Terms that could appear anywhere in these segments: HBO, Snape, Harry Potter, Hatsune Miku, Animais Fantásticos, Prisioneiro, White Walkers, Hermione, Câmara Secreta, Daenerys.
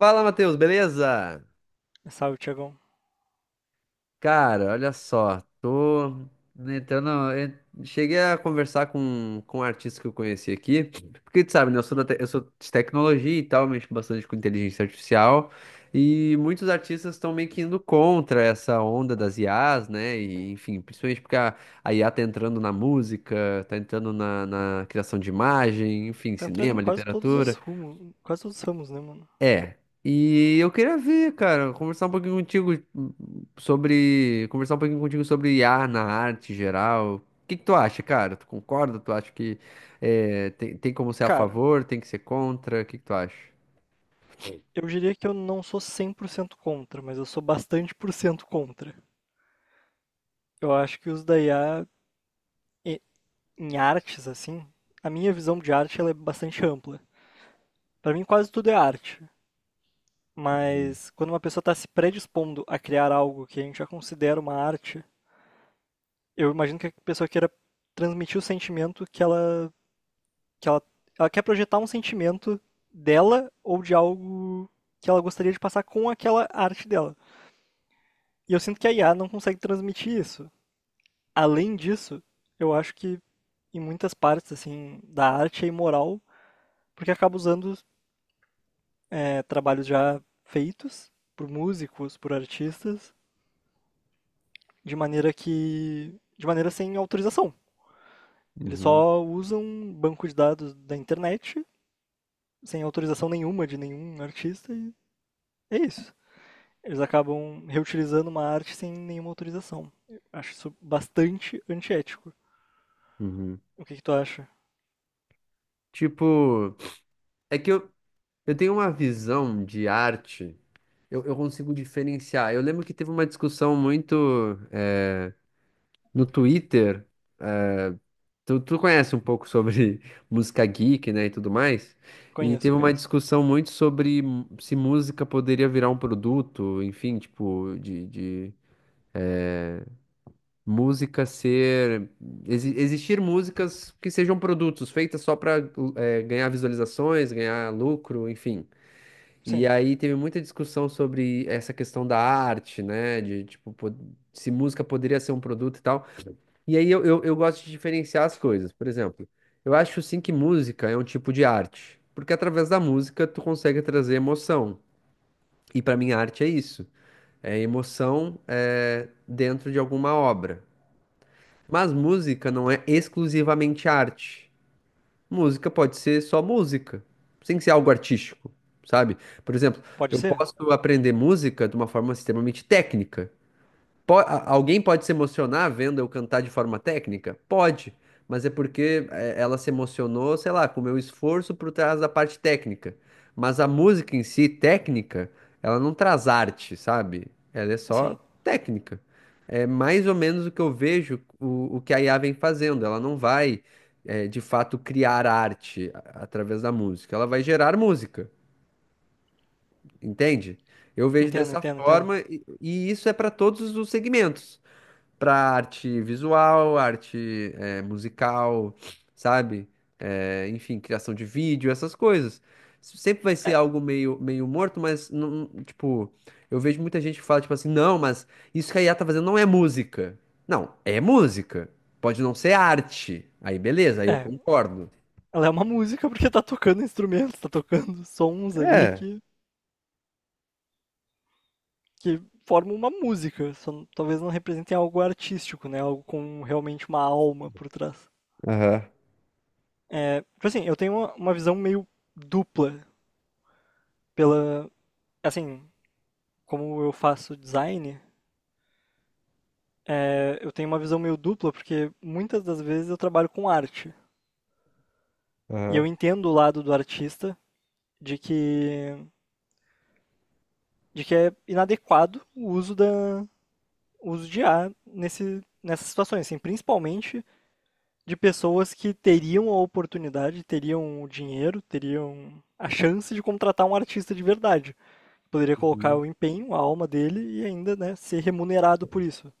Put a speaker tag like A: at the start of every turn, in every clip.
A: Fala, Matheus, beleza?
B: Salve, Tiagão.
A: Cara, olha só, tô entrando. en- Cheguei a conversar com um artista que eu conheci aqui, porque tu sabe, né?
B: Uhum.
A: Eu sou de tecnologia e tal, mexo bastante com inteligência artificial, e muitos artistas estão meio que indo contra essa onda das IAs, né? E, enfim, principalmente porque a IA tá entrando na música, tá entrando na criação de imagem, enfim,
B: Tá entrando em
A: cinema,
B: quase todos os
A: literatura.
B: rumos, quase todos os ramos, né, mano?
A: É. E eu queria ver, cara, conversar um pouquinho contigo conversar um pouquinho contigo sobre I a na arte geral. O que que tu acha, cara? Tu concorda? Tu acha que tem como ser a
B: Cara,
A: favor, tem que ser contra? O que que tu acha?
B: eu diria que eu não sou 100% contra, mas eu sou bastante por cento contra. Eu acho que os da IA e- em artes, assim, a minha visão de arte ela é bastante ampla. Pra mim, quase tudo é arte.
A: Uhum,
B: Mas quando uma pessoa tá se predispondo a criar algo que a gente já considera uma arte, eu imagino que a pessoa queira transmitir o sentimento que ela, ela quer projetar um sentimento dela ou de algo que ela gostaria de passar com aquela arte dela. E eu sinto que a IA não consegue transmitir isso. Além disso, eu acho que em muitas partes assim da arte é imoral, porque acaba usando trabalhos já feitos por músicos, por artistas, de maneira sem autorização. Eles
A: uhum,
B: só usam um banco de dados da internet sem autorização nenhuma de nenhum artista e é isso. Eles acabam reutilizando uma arte sem nenhuma autorização. Eu acho isso bastante antiético.
A: uhum.
B: O que que tu acha?
A: Tipo, é que eu, eu tenho uma visão de arte, eu consigo diferenciar. Eu lembro que teve uma discussão muito no Twitter. Tu, tu conhece um pouco sobre música geek, né, e tudo mais? E
B: Conheço,
A: teve uma. Uhum.
B: conheço.
A: Discussão muito sobre se música poderia virar um produto, enfim, tipo, de música ser. Exi- existir músicas que sejam produtos, feitas só para ganhar visualizações, ganhar lucro, enfim. E
B: Sim,
A: aí teve muita discussão sobre essa questão da arte, né, de tipo, se música poderia ser um produto e tal. E aí eu gosto de diferenciar as coisas. Por exemplo, eu acho sim que música é um tipo de arte, porque através da música tu consegue trazer emoção. E para mim arte é isso, é emoção dentro de alguma obra. Mas música não é exclusivamente arte. Música pode ser só música, sem ser algo artístico, sabe? Por exemplo,
B: pode
A: eu
B: ser?
A: posso aprender música de uma forma extremamente técnica. Alguém pode se emocionar vendo eu cantar de forma técnica? Pode, mas é porque ela se emocionou, sei lá, com o meu esforço por trás da parte técnica. Mas a música em si, técnica, ela não traz arte, sabe? Ela é só
B: Sim,
A: técnica. É mais ou menos o que eu vejo o que a IA vem fazendo. Ela não vai, É, de fato, criar arte através da música. Ela vai gerar música, entende? Eu vejo
B: entendo,
A: dessa
B: entendo, entendo.
A: forma e isso é para todos os segmentos, para arte visual, arte musical, sabe? Enfim, criação de vídeo, essas coisas. Sempre vai
B: É,
A: ser algo meio morto, mas, não, tipo, eu vejo muita gente que fala, tipo assim, não, mas isso que a IA tá fazendo não é música. Não, é música. Pode não ser arte. Aí, beleza, aí eu
B: é,
A: concordo.
B: ela é uma música porque tá tocando instrumentos, tá tocando sons ali
A: É,
B: que formam uma música. Talvez não representem algo artístico, né? Algo com realmente uma alma por trás.
A: aham,
B: Tipo assim, eu tenho uma visão meio dupla pela, assim, como eu faço design. É, eu tenho uma visão meio dupla, porque muitas das vezes eu trabalho com arte. E eu
A: aham.
B: entendo o lado do artista de que, de que é inadequado o uso, o uso de A nessas situações, assim, principalmente de pessoas que teriam a oportunidade, teriam o dinheiro, teriam a chance de contratar um artista de verdade. Poderia colocar
A: Uhum,
B: o empenho, a alma dele e ainda né, ser remunerado por isso.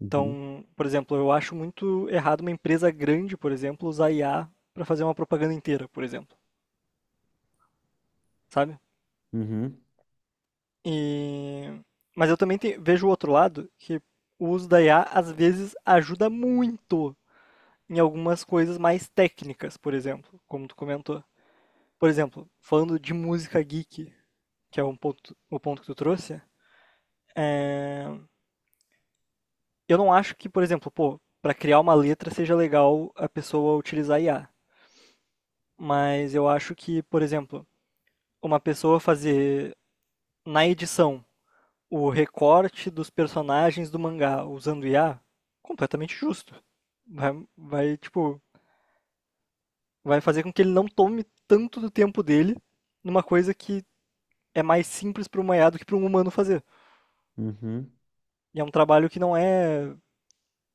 A: uhum,
B: Então, por exemplo, eu acho muito errado uma empresa grande, por exemplo, usar IA para fazer uma propaganda inteira, por exemplo, sabe?
A: uhum,
B: E... Mas eu também vejo o outro lado, que o uso da IA às vezes ajuda muito em algumas coisas mais técnicas, por exemplo, como tu comentou. Por exemplo, falando de música geek, que é um ponto, o ponto que tu trouxe, eu não acho que, por exemplo, pô, para criar uma letra seja legal a pessoa utilizar IA. Mas eu acho que, por exemplo, uma pessoa fazer na edição o recorte dos personagens do mangá usando IA, completamente justo. Vai, vai, tipo, vai fazer com que ele não tome tanto do tempo dele numa coisa que é mais simples para um IA do que para um humano fazer.
A: uhum.
B: E é um trabalho que não é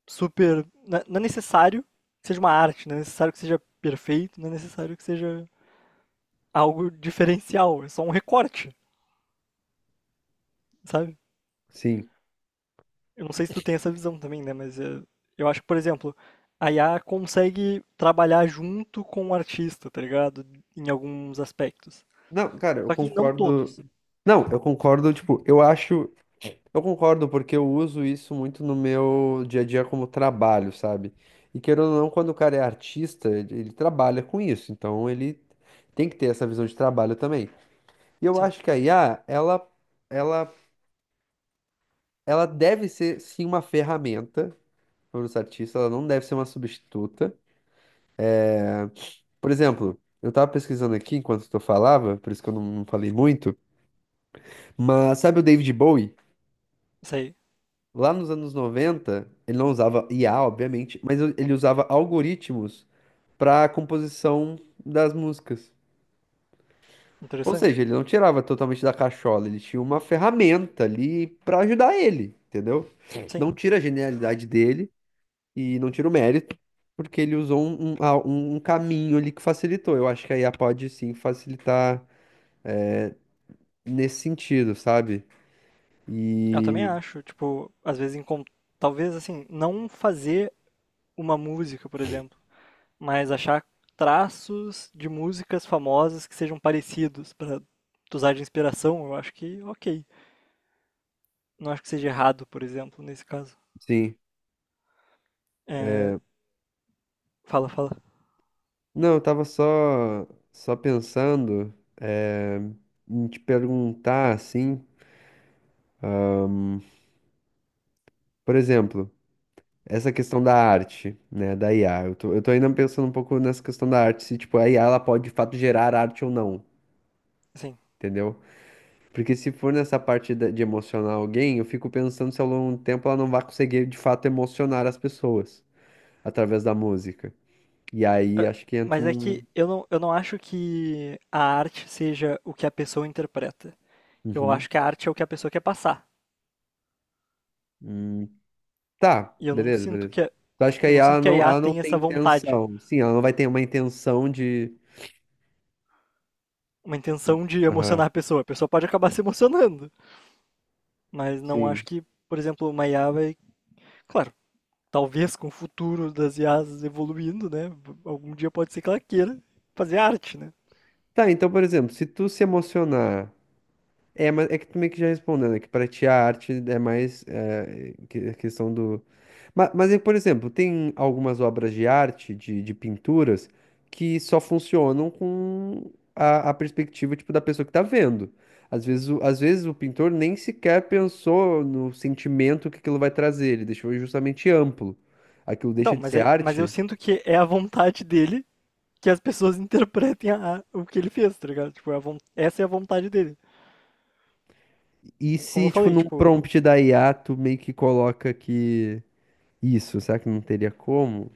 B: super. Não é necessário que seja uma arte, não é necessário que seja perfeito, não é necessário que seja algo diferencial, é só um recorte, sabe?
A: Sim.
B: Eu não sei se tu tem essa visão também, né? Eu acho que, por exemplo, a IA consegue trabalhar junto com o artista, tá ligado? Em alguns aspectos.
A: Não, cara, eu
B: Só que não
A: concordo.
B: todos.
A: Não, eu concordo, tipo, eu acho. Eu concordo, porque eu uso isso muito no meu dia a dia como trabalho, sabe? E querendo ou não, quando o cara é artista, ele trabalha com isso, então ele tem que ter essa visão de trabalho também. E eu
B: Sim,
A: acho que a IA, ela, ela deve ser sim uma ferramenta para os artistas, ela não deve ser uma substituta. Por exemplo, eu tava pesquisando aqui enquanto tu falava, por isso que eu não falei muito, mas sabe o David Bowie?
B: isso aí.
A: Lá nos anos 90 ele não usava IA, obviamente, mas ele usava algoritmos para a composição das músicas. Ou seja,
B: Interessante.
A: ele não tirava totalmente da cachola, ele tinha uma ferramenta ali para ajudar ele, entendeu?
B: Sim,
A: Não tira a genialidade dele e não tira o mérito, porque ele usou um caminho ali que facilitou. Eu acho que a IA pode sim facilitar nesse sentido, sabe?
B: eu também
A: E
B: acho. Tipo, às vezes, talvez assim, não fazer uma música, por exemplo, mas achar traços de músicas famosas que sejam parecidos para usar de inspiração, eu acho que ok. Não acho que seja errado, por exemplo, nesse caso.
A: sim.
B: É, fala, fala.
A: Não, eu tava só pensando eh, em te perguntar assim, por exemplo. Essa questão da arte, né, da IA. Eu tô ainda pensando um pouco nessa questão da arte, se, tipo, a IA, ela pode, de fato, gerar arte ou não,
B: Sim.
A: entendeu? Porque se for nessa parte de emocionar alguém, eu fico pensando se ao longo do tempo ela não vai conseguir, de fato, emocionar as pessoas através da música. E aí, acho que entra
B: Mas é
A: um...
B: que eu não acho que a arte seja o que a pessoa interpreta. Eu
A: Uhum.
B: acho que a arte é o que a pessoa quer passar.
A: Hum. Tá,
B: E eu não
A: beleza,
B: sinto
A: beleza.
B: que a,
A: Eu acho que a
B: eu não
A: IA,
B: sinto que a IA
A: ela não
B: tem essa
A: tem
B: vontade,
A: intenção. Sim, ela não vai ter uma intenção de...
B: uma intenção de emocionar
A: Aham,
B: a pessoa. A pessoa pode acabar se emocionando, mas não acho
A: sim.
B: que, por exemplo, uma IA vai, claro, talvez com o futuro das IAs evoluindo, né? Algum dia pode ser que ela queira fazer arte, né?
A: Tá, então, por exemplo, se tu se emocionar. É, mas é que também que já respondendo, é que pra ti a arte é mais a questão do. Mas é, por exemplo, tem algumas obras de arte, de pinturas, que só funcionam com a perspectiva tipo, da pessoa que tá vendo. Às vezes, às vezes o pintor nem sequer pensou no sentimento que aquilo vai trazer, ele deixou justamente amplo. Aquilo deixa
B: Então,
A: de
B: mas,
A: ser
B: é, mas eu
A: arte.
B: sinto que é a vontade dele que as pessoas interpretem o que ele fez, tá ligado? Tipo, essa é a vontade dele.
A: E
B: Como eu
A: se, tipo,
B: falei,
A: num
B: tipo,
A: prompt da IA, tu meio que coloca que isso, será que não teria como?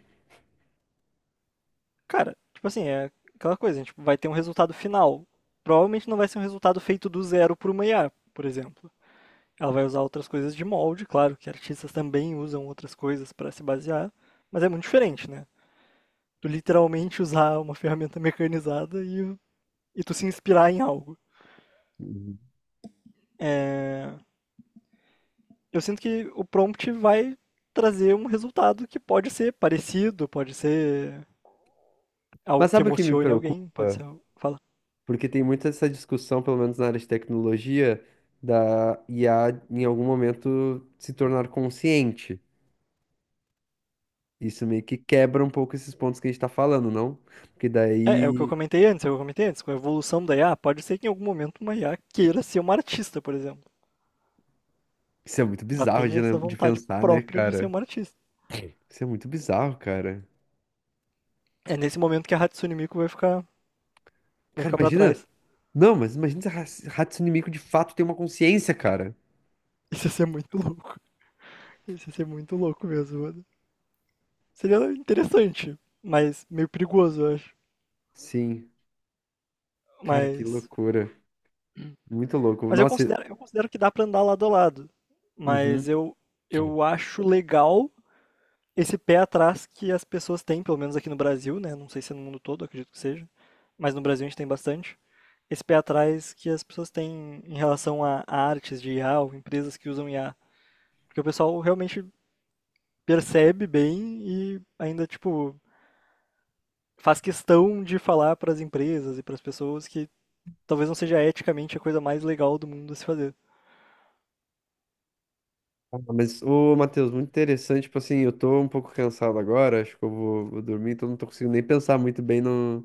B: cara, tipo assim, é aquela coisa, a gente vai ter um resultado final. Provavelmente não vai ser um resultado feito do zero por uma IA, por exemplo. Ela vai usar outras coisas de molde, claro que artistas também usam outras coisas para se basear, mas é muito diferente, né? Tu literalmente usar uma ferramenta mecanizada e tu se inspirar em algo. É, eu sinto que o prompt vai trazer um resultado que pode ser parecido, pode ser algo
A: Mas
B: que
A: sabe o que me
B: emocione alguém, pode ser.
A: preocupa?
B: Fala.
A: Porque tem muito essa discussão, pelo menos na área de tecnologia, da IA em algum momento se tornar consciente. Isso meio que quebra um pouco esses pontos que a gente tá falando, não? Porque
B: É, é o que eu
A: daí.
B: comentei antes, é o que eu comentei antes, com a evolução da IA, pode ser que em algum momento uma IA queira ser uma artista, por exemplo.
A: Isso é muito
B: Ela
A: bizarro
B: tenha
A: de,
B: essa
A: de
B: vontade
A: pensar, né,
B: própria de ser
A: cara?
B: uma artista.
A: Isso é muito bizarro, cara.
B: É nesse momento que a Hatsune Miku vai ficar, vai
A: Cara,
B: ficar pra
A: imagina.
B: trás.
A: Não, mas imagina se a raça inimigo de fato tem uma consciência, cara.
B: Isso ia ser muito louco. Isso ia ser muito louco mesmo, mano. Seria interessante, mas meio perigoso, eu acho.
A: Sim. Cara, que
B: Mas,
A: loucura. Muito louco.
B: mas eu
A: Nossa.
B: considero, eu considero que dá pra andar lado a lado. Mas
A: Uhum.
B: eu acho legal esse pé atrás que as pessoas têm, pelo menos aqui no Brasil, né? Não sei se é no mundo todo, acredito que seja, mas no Brasil a gente tem bastante. Esse pé atrás que as pessoas têm em relação a artes de IA ou empresas que usam IA. Porque o pessoal realmente percebe bem e ainda, tipo, faz questão de falar para as empresas e para as pessoas que talvez não seja eticamente a coisa mais legal do mundo a se fazer.
A: Ah, mas, ô, Matheus, muito interessante. Tipo assim, eu tô um pouco cansado agora, acho que vou dormir, então não tô conseguindo nem pensar muito bem no,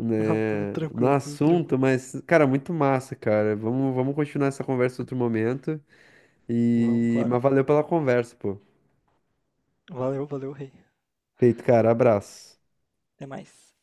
B: Não, tudo
A: no
B: tranquilo, tudo
A: assunto,
B: tranquilo.
A: mas, cara, muito massa, cara. Vamos continuar essa conversa em outro momento.
B: Vamos,
A: E,
B: claro.
A: mas valeu pela conversa, pô.
B: Valeu, valeu, rei.
A: Feito, cara. Abraço.
B: Até mais.